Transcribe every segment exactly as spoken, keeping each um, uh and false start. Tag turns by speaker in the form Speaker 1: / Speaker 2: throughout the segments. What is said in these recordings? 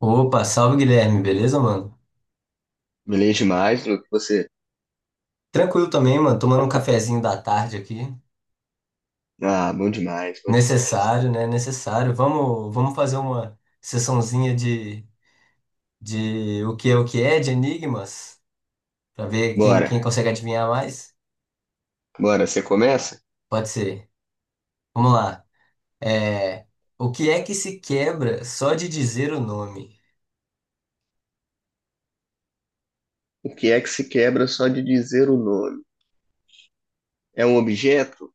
Speaker 1: Opa, salve Guilherme, beleza, mano?
Speaker 2: Beleza demais, Luke. Você.
Speaker 1: Tranquilo também, mano, tomando um cafezinho da tarde aqui.
Speaker 2: Ah, bom demais, bom demais.
Speaker 1: Necessário, né? Necessário. Vamos, vamos fazer uma sessãozinha de, de o que é o que é, de enigmas, pra ver quem,
Speaker 2: Bora,
Speaker 1: quem consegue adivinhar mais.
Speaker 2: bora, você começa?
Speaker 1: Pode ser. Vamos lá. É, o que é que se quebra só de dizer o nome?
Speaker 2: O que é que se quebra só de dizer o nome? É um objeto?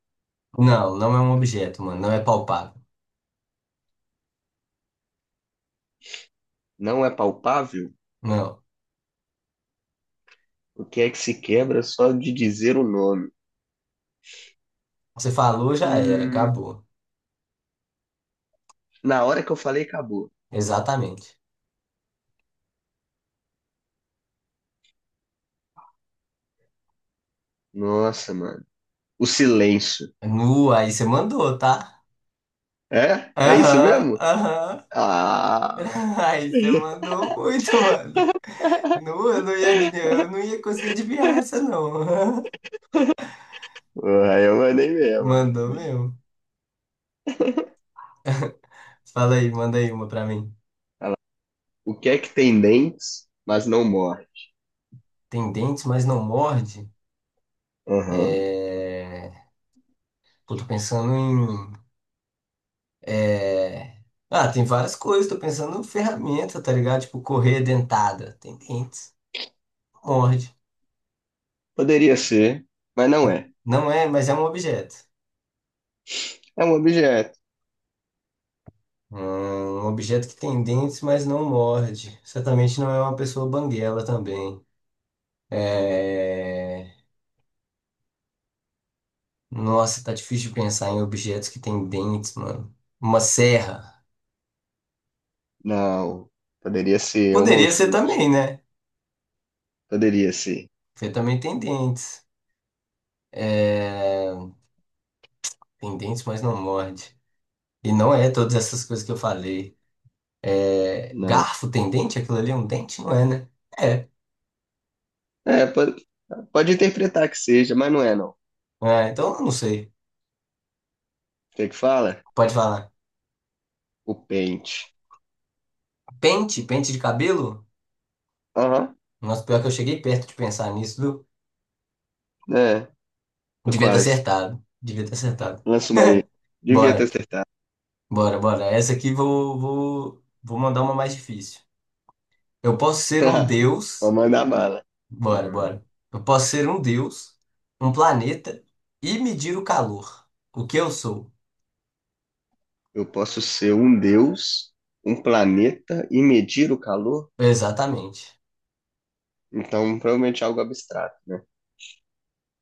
Speaker 1: Não, não é um objeto, mano, não é palpável.
Speaker 2: Não é palpável?
Speaker 1: Não.
Speaker 2: O que é que se quebra só de dizer o nome?
Speaker 1: Você falou, já era,
Speaker 2: Hum,
Speaker 1: acabou.
Speaker 2: na hora que eu falei, acabou.
Speaker 1: Exatamente.
Speaker 2: Nossa, mano. O silêncio.
Speaker 1: Nu, aí você mandou, tá?
Speaker 2: É? É isso
Speaker 1: Aham,
Speaker 2: mesmo?
Speaker 1: aham.
Speaker 2: Ah,
Speaker 1: Ai, você mandou muito, mano. Não, eu não ia adivinhar, eu não ia conseguir adivinhar essa, não.
Speaker 2: porra, eu mandei mesmo. Mano.
Speaker 1: Mandou mesmo. Fala aí, manda aí uma pra mim.
Speaker 2: Olha lá. O que é que tem dentes, mas não morde?
Speaker 1: Tem dentes, mas não morde?
Speaker 2: Aham.
Speaker 1: É... Pô, tô pensando em... É... Ah, tem várias coisas. Tô pensando em ferramenta, tá ligado? Tipo, correia dentada. Tem dentes, morde.
Speaker 2: Poderia ser, mas não é.
Speaker 1: Não é, mas é um objeto.
Speaker 2: É um objeto.
Speaker 1: Hum, Um objeto que tem dentes, mas não morde. Certamente não é uma pessoa banguela também. É... Nossa, tá difícil de pensar em objetos que têm dentes, mano. Uma serra.
Speaker 2: Não. Poderia ser, é um mão
Speaker 1: Poderia ser
Speaker 2: chute.
Speaker 1: também, né?
Speaker 2: Poderia ser.
Speaker 1: Porque também tem dentes. É... Tem dentes, mas não morde. E não é todas essas coisas que eu falei. É...
Speaker 2: Não.
Speaker 1: Garfo tem dente? Aquilo ali é um dente? Não é, né? É.
Speaker 2: É, pode, pode interpretar que seja, mas não é, não. O
Speaker 1: Ah, então eu não sei.
Speaker 2: que que fala?
Speaker 1: Pode falar.
Speaker 2: O pente.
Speaker 1: Pente? Pente de cabelo?
Speaker 2: Aham.
Speaker 1: Nossa, pior que eu cheguei perto de pensar nisso, viu?
Speaker 2: É, tô
Speaker 1: Devia ter
Speaker 2: quase.
Speaker 1: acertado. Devia ter acertado.
Speaker 2: Lança uma aí. Devia ter
Speaker 1: Bora.
Speaker 2: acertado.
Speaker 1: Bora, bora. Essa aqui vou, vou, vou mandar uma mais difícil. Eu posso ser um
Speaker 2: Vou
Speaker 1: deus.
Speaker 2: mandar bala.
Speaker 1: Bora,
Speaker 2: Aham.
Speaker 1: bora. Eu posso ser um deus, um planeta e medir o calor. O que eu sou?
Speaker 2: Eu posso ser um deus, um planeta e medir o calor?
Speaker 1: Exatamente.
Speaker 2: Então, provavelmente é algo abstrato, né?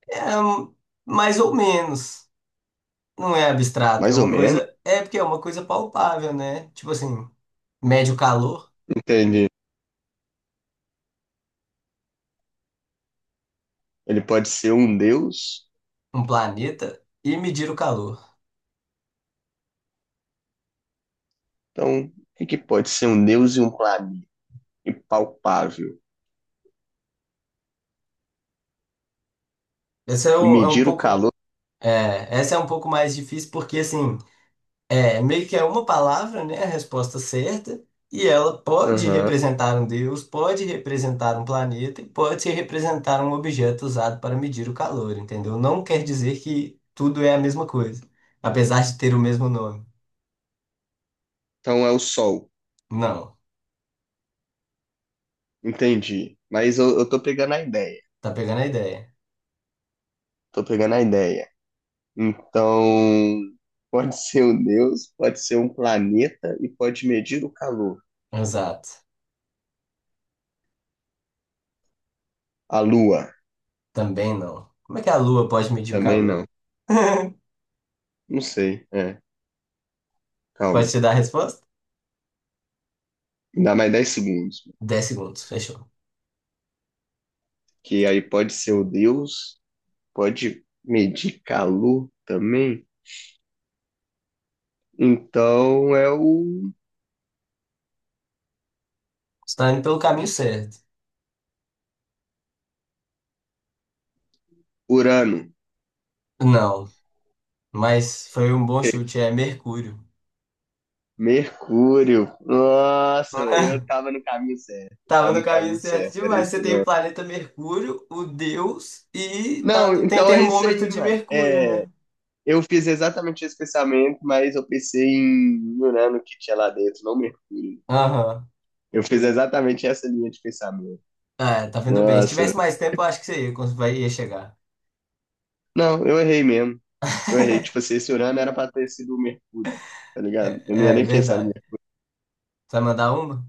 Speaker 1: É, hum, mais ou menos. Não é abstrato, é
Speaker 2: Mais ou
Speaker 1: uma
Speaker 2: menos.
Speaker 1: coisa. É porque é uma coisa palpável, né? Tipo assim, mede o calor,
Speaker 2: Entendi. Ele pode ser um deus.
Speaker 1: um planeta e medir o calor.
Speaker 2: Então, o que que pode ser um deus e um planeta impalpável?
Speaker 1: Essa é
Speaker 2: E
Speaker 1: um, é um
Speaker 2: medir o
Speaker 1: pouco.
Speaker 2: calor?
Speaker 1: É, essa é um pouco mais difícil porque assim. É, meio que é uma palavra, né, a resposta certa, e ela pode
Speaker 2: Aham.
Speaker 1: representar um deus, pode representar um planeta e pode representar um objeto usado para medir o calor, entendeu? Não quer dizer que tudo é a mesma coisa, apesar de ter o mesmo nome.
Speaker 2: Então é o Sol.
Speaker 1: Não,
Speaker 2: Entendi. Mas eu, eu tô pegando a ideia.
Speaker 1: tá pegando a ideia.
Speaker 2: Tô pegando a ideia. Então, pode ser um deus, pode ser um planeta e pode medir o calor.
Speaker 1: Exato.
Speaker 2: A Lua
Speaker 1: Também não. Como é que a lua pode medir o
Speaker 2: também
Speaker 1: calor?
Speaker 2: não. Não sei. É,
Speaker 1: Pode
Speaker 2: calma.
Speaker 1: te dar a resposta?
Speaker 2: Me dá mais dez segundos.
Speaker 1: Dez segundos, fechou.
Speaker 2: Que aí pode ser o deus, pode medir calor também. Então é o
Speaker 1: Está indo pelo caminho certo.
Speaker 2: Urano.
Speaker 1: Não, mas foi um bom
Speaker 2: Ok?
Speaker 1: chute, é Mercúrio.
Speaker 2: Mercúrio. Nossa, eu tava no caminho certo. Eu
Speaker 1: Tava
Speaker 2: tava
Speaker 1: no
Speaker 2: no
Speaker 1: caminho
Speaker 2: caminho
Speaker 1: certo
Speaker 2: certo, era
Speaker 1: demais.
Speaker 2: isso
Speaker 1: Você tem o
Speaker 2: mesmo.
Speaker 1: planeta Mercúrio, o Deus e tá
Speaker 2: Não,
Speaker 1: no... tem
Speaker 2: então é isso
Speaker 1: termômetro
Speaker 2: aí,
Speaker 1: de
Speaker 2: mano.
Speaker 1: Mercúrio,
Speaker 2: É,
Speaker 1: né?
Speaker 2: eu fiz exatamente esse pensamento, mas eu pensei em Urano que tinha lá dentro, não Mercúrio.
Speaker 1: Aham.
Speaker 2: Eu fiz exatamente essa linha de pensamento.
Speaker 1: É, tá vindo bem. Se
Speaker 2: Nossa.
Speaker 1: tivesse mais tempo, eu acho que você ia, cons- vai- ia chegar.
Speaker 2: Não, eu errei mesmo. Eu errei. Tipo assim, esse Urano era pra ter sido o Mercúrio, tá
Speaker 1: É,
Speaker 2: ligado? Eu não ia
Speaker 1: é
Speaker 2: nem pensar no
Speaker 1: verdade.
Speaker 2: Mercúrio.
Speaker 1: Você vai mandar uma?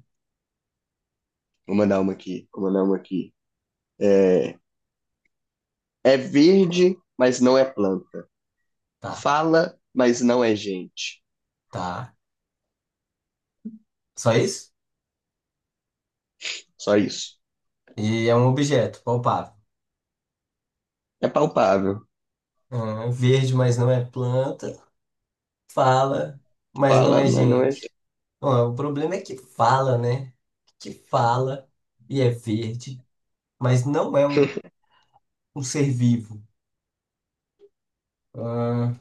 Speaker 2: Vou mandar uma aqui, vou mandar uma aqui. É, é verde, mas não é planta.
Speaker 1: Tá,
Speaker 2: Fala, mas não é gente.
Speaker 1: tá. Só isso?
Speaker 2: Só isso.
Speaker 1: E é um objeto, palpável.
Speaker 2: É palpável.
Speaker 1: Ah, verde, mas não é planta. Fala, mas não
Speaker 2: Fala,
Speaker 1: é
Speaker 2: mas não é gente.
Speaker 1: gente. Bom, o problema é que fala, né? Que fala e é verde, mas não é um um ser vivo. Ah,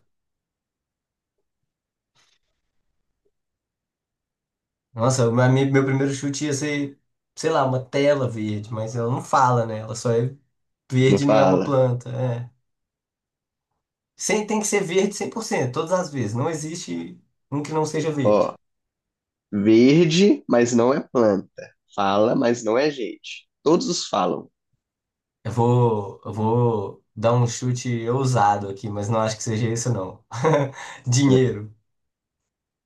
Speaker 1: nossa, pra mim, meu primeiro chute ia ser, sei lá, uma tela verde, mas ela não fala, né? Ela só é
Speaker 2: Não
Speaker 1: verde, não é uma
Speaker 2: fala.
Speaker 1: planta. É. Sem, tem que ser verde cem por cento todas as vezes. Não existe um que não seja verde.
Speaker 2: Ó, verde, mas não é planta. Fala, mas não é gente. Todos os falam.
Speaker 1: Eu vou, eu vou dar um chute ousado aqui, mas não acho que seja isso, não. Dinheiro.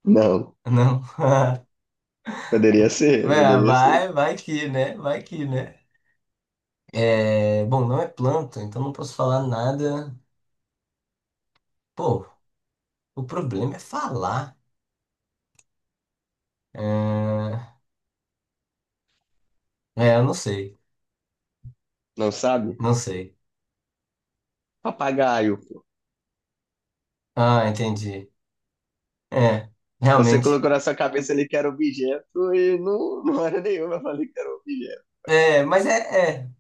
Speaker 2: Não.
Speaker 1: Não.
Speaker 2: Poderia ser,
Speaker 1: É,
Speaker 2: poderia ser.
Speaker 1: vai, vai que, né? Vai que, né? É, bom, não é planta, então não posso falar nada. Pô, o problema é falar. É, É, eu não sei.
Speaker 2: Não sabe?
Speaker 1: Não sei.
Speaker 2: Papagaio, pô.
Speaker 1: Ah, entendi. É,
Speaker 2: Você
Speaker 1: realmente.
Speaker 2: colocou na sua cabeça ali que era objeto e não, não era nenhuma. Eu falei que era objeto.
Speaker 1: É, mas é, é.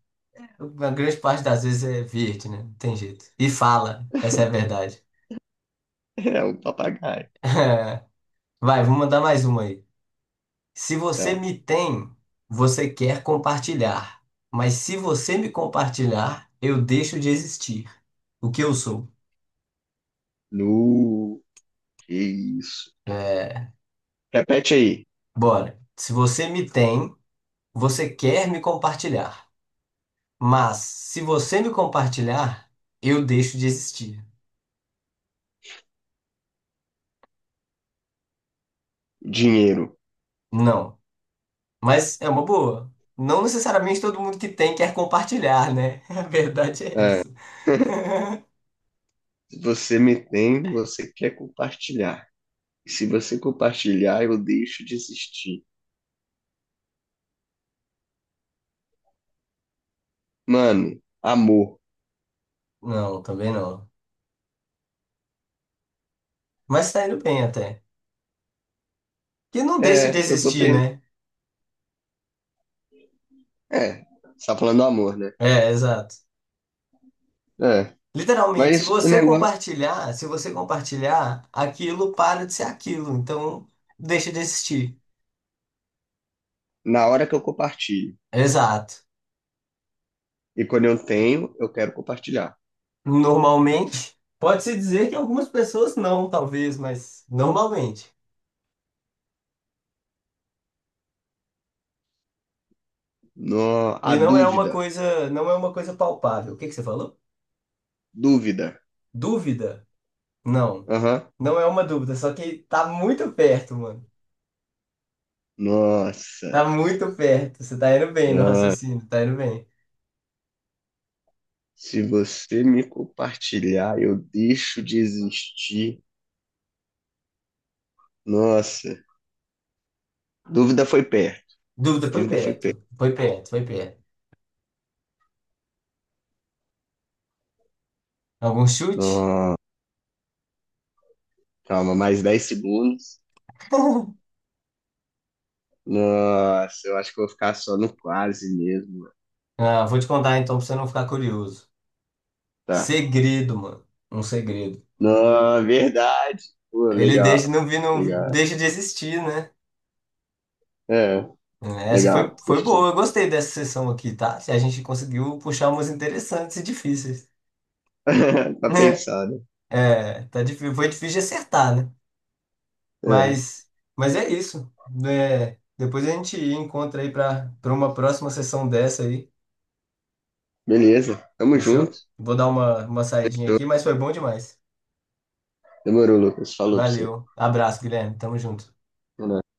Speaker 1: A grande parte das vezes é verde, né? Não tem jeito. E fala, essa é a verdade.
Speaker 2: É um papagaio.
Speaker 1: Vai, vou mandar mais uma aí. Se você
Speaker 2: Tá.
Speaker 1: me tem, você quer compartilhar. Mas se você me compartilhar, eu deixo de existir. O que eu sou?
Speaker 2: No. Que isso.
Speaker 1: É,
Speaker 2: Repete aí.
Speaker 1: bora. Se você me tem, você quer me compartilhar. Mas se você me compartilhar, eu deixo de existir.
Speaker 2: Dinheiro.
Speaker 1: Não. Mas é uma boa. Não necessariamente todo mundo que tem quer compartilhar, né? A verdade é
Speaker 2: Ah,
Speaker 1: essa.
Speaker 2: se você me tem, você quer compartilhar. E se você compartilhar, eu deixo de existir. Mano, amor.
Speaker 1: Não, também não. Mas tá indo bem até. Que não deixe de
Speaker 2: É, eu tô
Speaker 1: existir,
Speaker 2: pensando.
Speaker 1: né?
Speaker 2: É, você tá falando do amor, né?
Speaker 1: É, exato.
Speaker 2: É.
Speaker 1: Literalmente, se
Speaker 2: Mas o
Speaker 1: você
Speaker 2: negócio,
Speaker 1: compartilhar, se você compartilhar, aquilo para de ser aquilo. Então, deixa de existir.
Speaker 2: na hora que eu compartilho.
Speaker 1: Exato.
Speaker 2: E quando eu tenho, eu quero compartilhar.
Speaker 1: Normalmente, pode-se dizer que algumas pessoas não, talvez, mas normalmente.
Speaker 2: No, a
Speaker 1: E não é uma
Speaker 2: dúvida.
Speaker 1: coisa, não é uma coisa palpável. O que que você falou?
Speaker 2: Dúvida.
Speaker 1: Dúvida? Não.
Speaker 2: Aham.
Speaker 1: Não é uma dúvida, só que tá muito perto, mano.
Speaker 2: Nossa.
Speaker 1: Tá muito perto. Você tá indo bem no
Speaker 2: Ah,
Speaker 1: raciocínio, tá indo bem.
Speaker 2: se você me compartilhar, eu deixo de existir. Nossa. Dúvida foi perto.
Speaker 1: Dúvida, foi
Speaker 2: Dúvida foi
Speaker 1: perto.
Speaker 2: perto.
Speaker 1: Foi perto, foi perto. Algum chute?
Speaker 2: Nossa. Calma, mais dez segundos. Nossa, eu acho que eu vou ficar só no quase mesmo.
Speaker 1: Ah, vou te contar então pra você não ficar curioso.
Speaker 2: Tá.
Speaker 1: Segredo, mano. Um segredo.
Speaker 2: Não, verdade. Pô,
Speaker 1: Ele deixa,
Speaker 2: legal.
Speaker 1: não vi, não
Speaker 2: Legal.
Speaker 1: deixa de existir, né?
Speaker 2: É,
Speaker 1: Essa foi,
Speaker 2: legal.
Speaker 1: foi
Speaker 2: Curti.
Speaker 1: boa. Eu gostei dessa sessão aqui, tá? A gente conseguiu puxar umas interessantes e difíceis.
Speaker 2: Tá
Speaker 1: Né?
Speaker 2: pensado.
Speaker 1: É, tá difí- foi difícil de acertar, né?
Speaker 2: É,
Speaker 1: Mas, mas é isso, né? Depois a gente encontra aí para para uma próxima sessão dessa aí.
Speaker 2: beleza. Tamo
Speaker 1: Fechou?
Speaker 2: junto.
Speaker 1: Vou dar uma, uma saidinha aqui, mas foi bom demais.
Speaker 2: Demorou, Lucas. Falou pra você.
Speaker 1: Valeu. Abraço, Guilherme. Tamo junto.
Speaker 2: É nóis.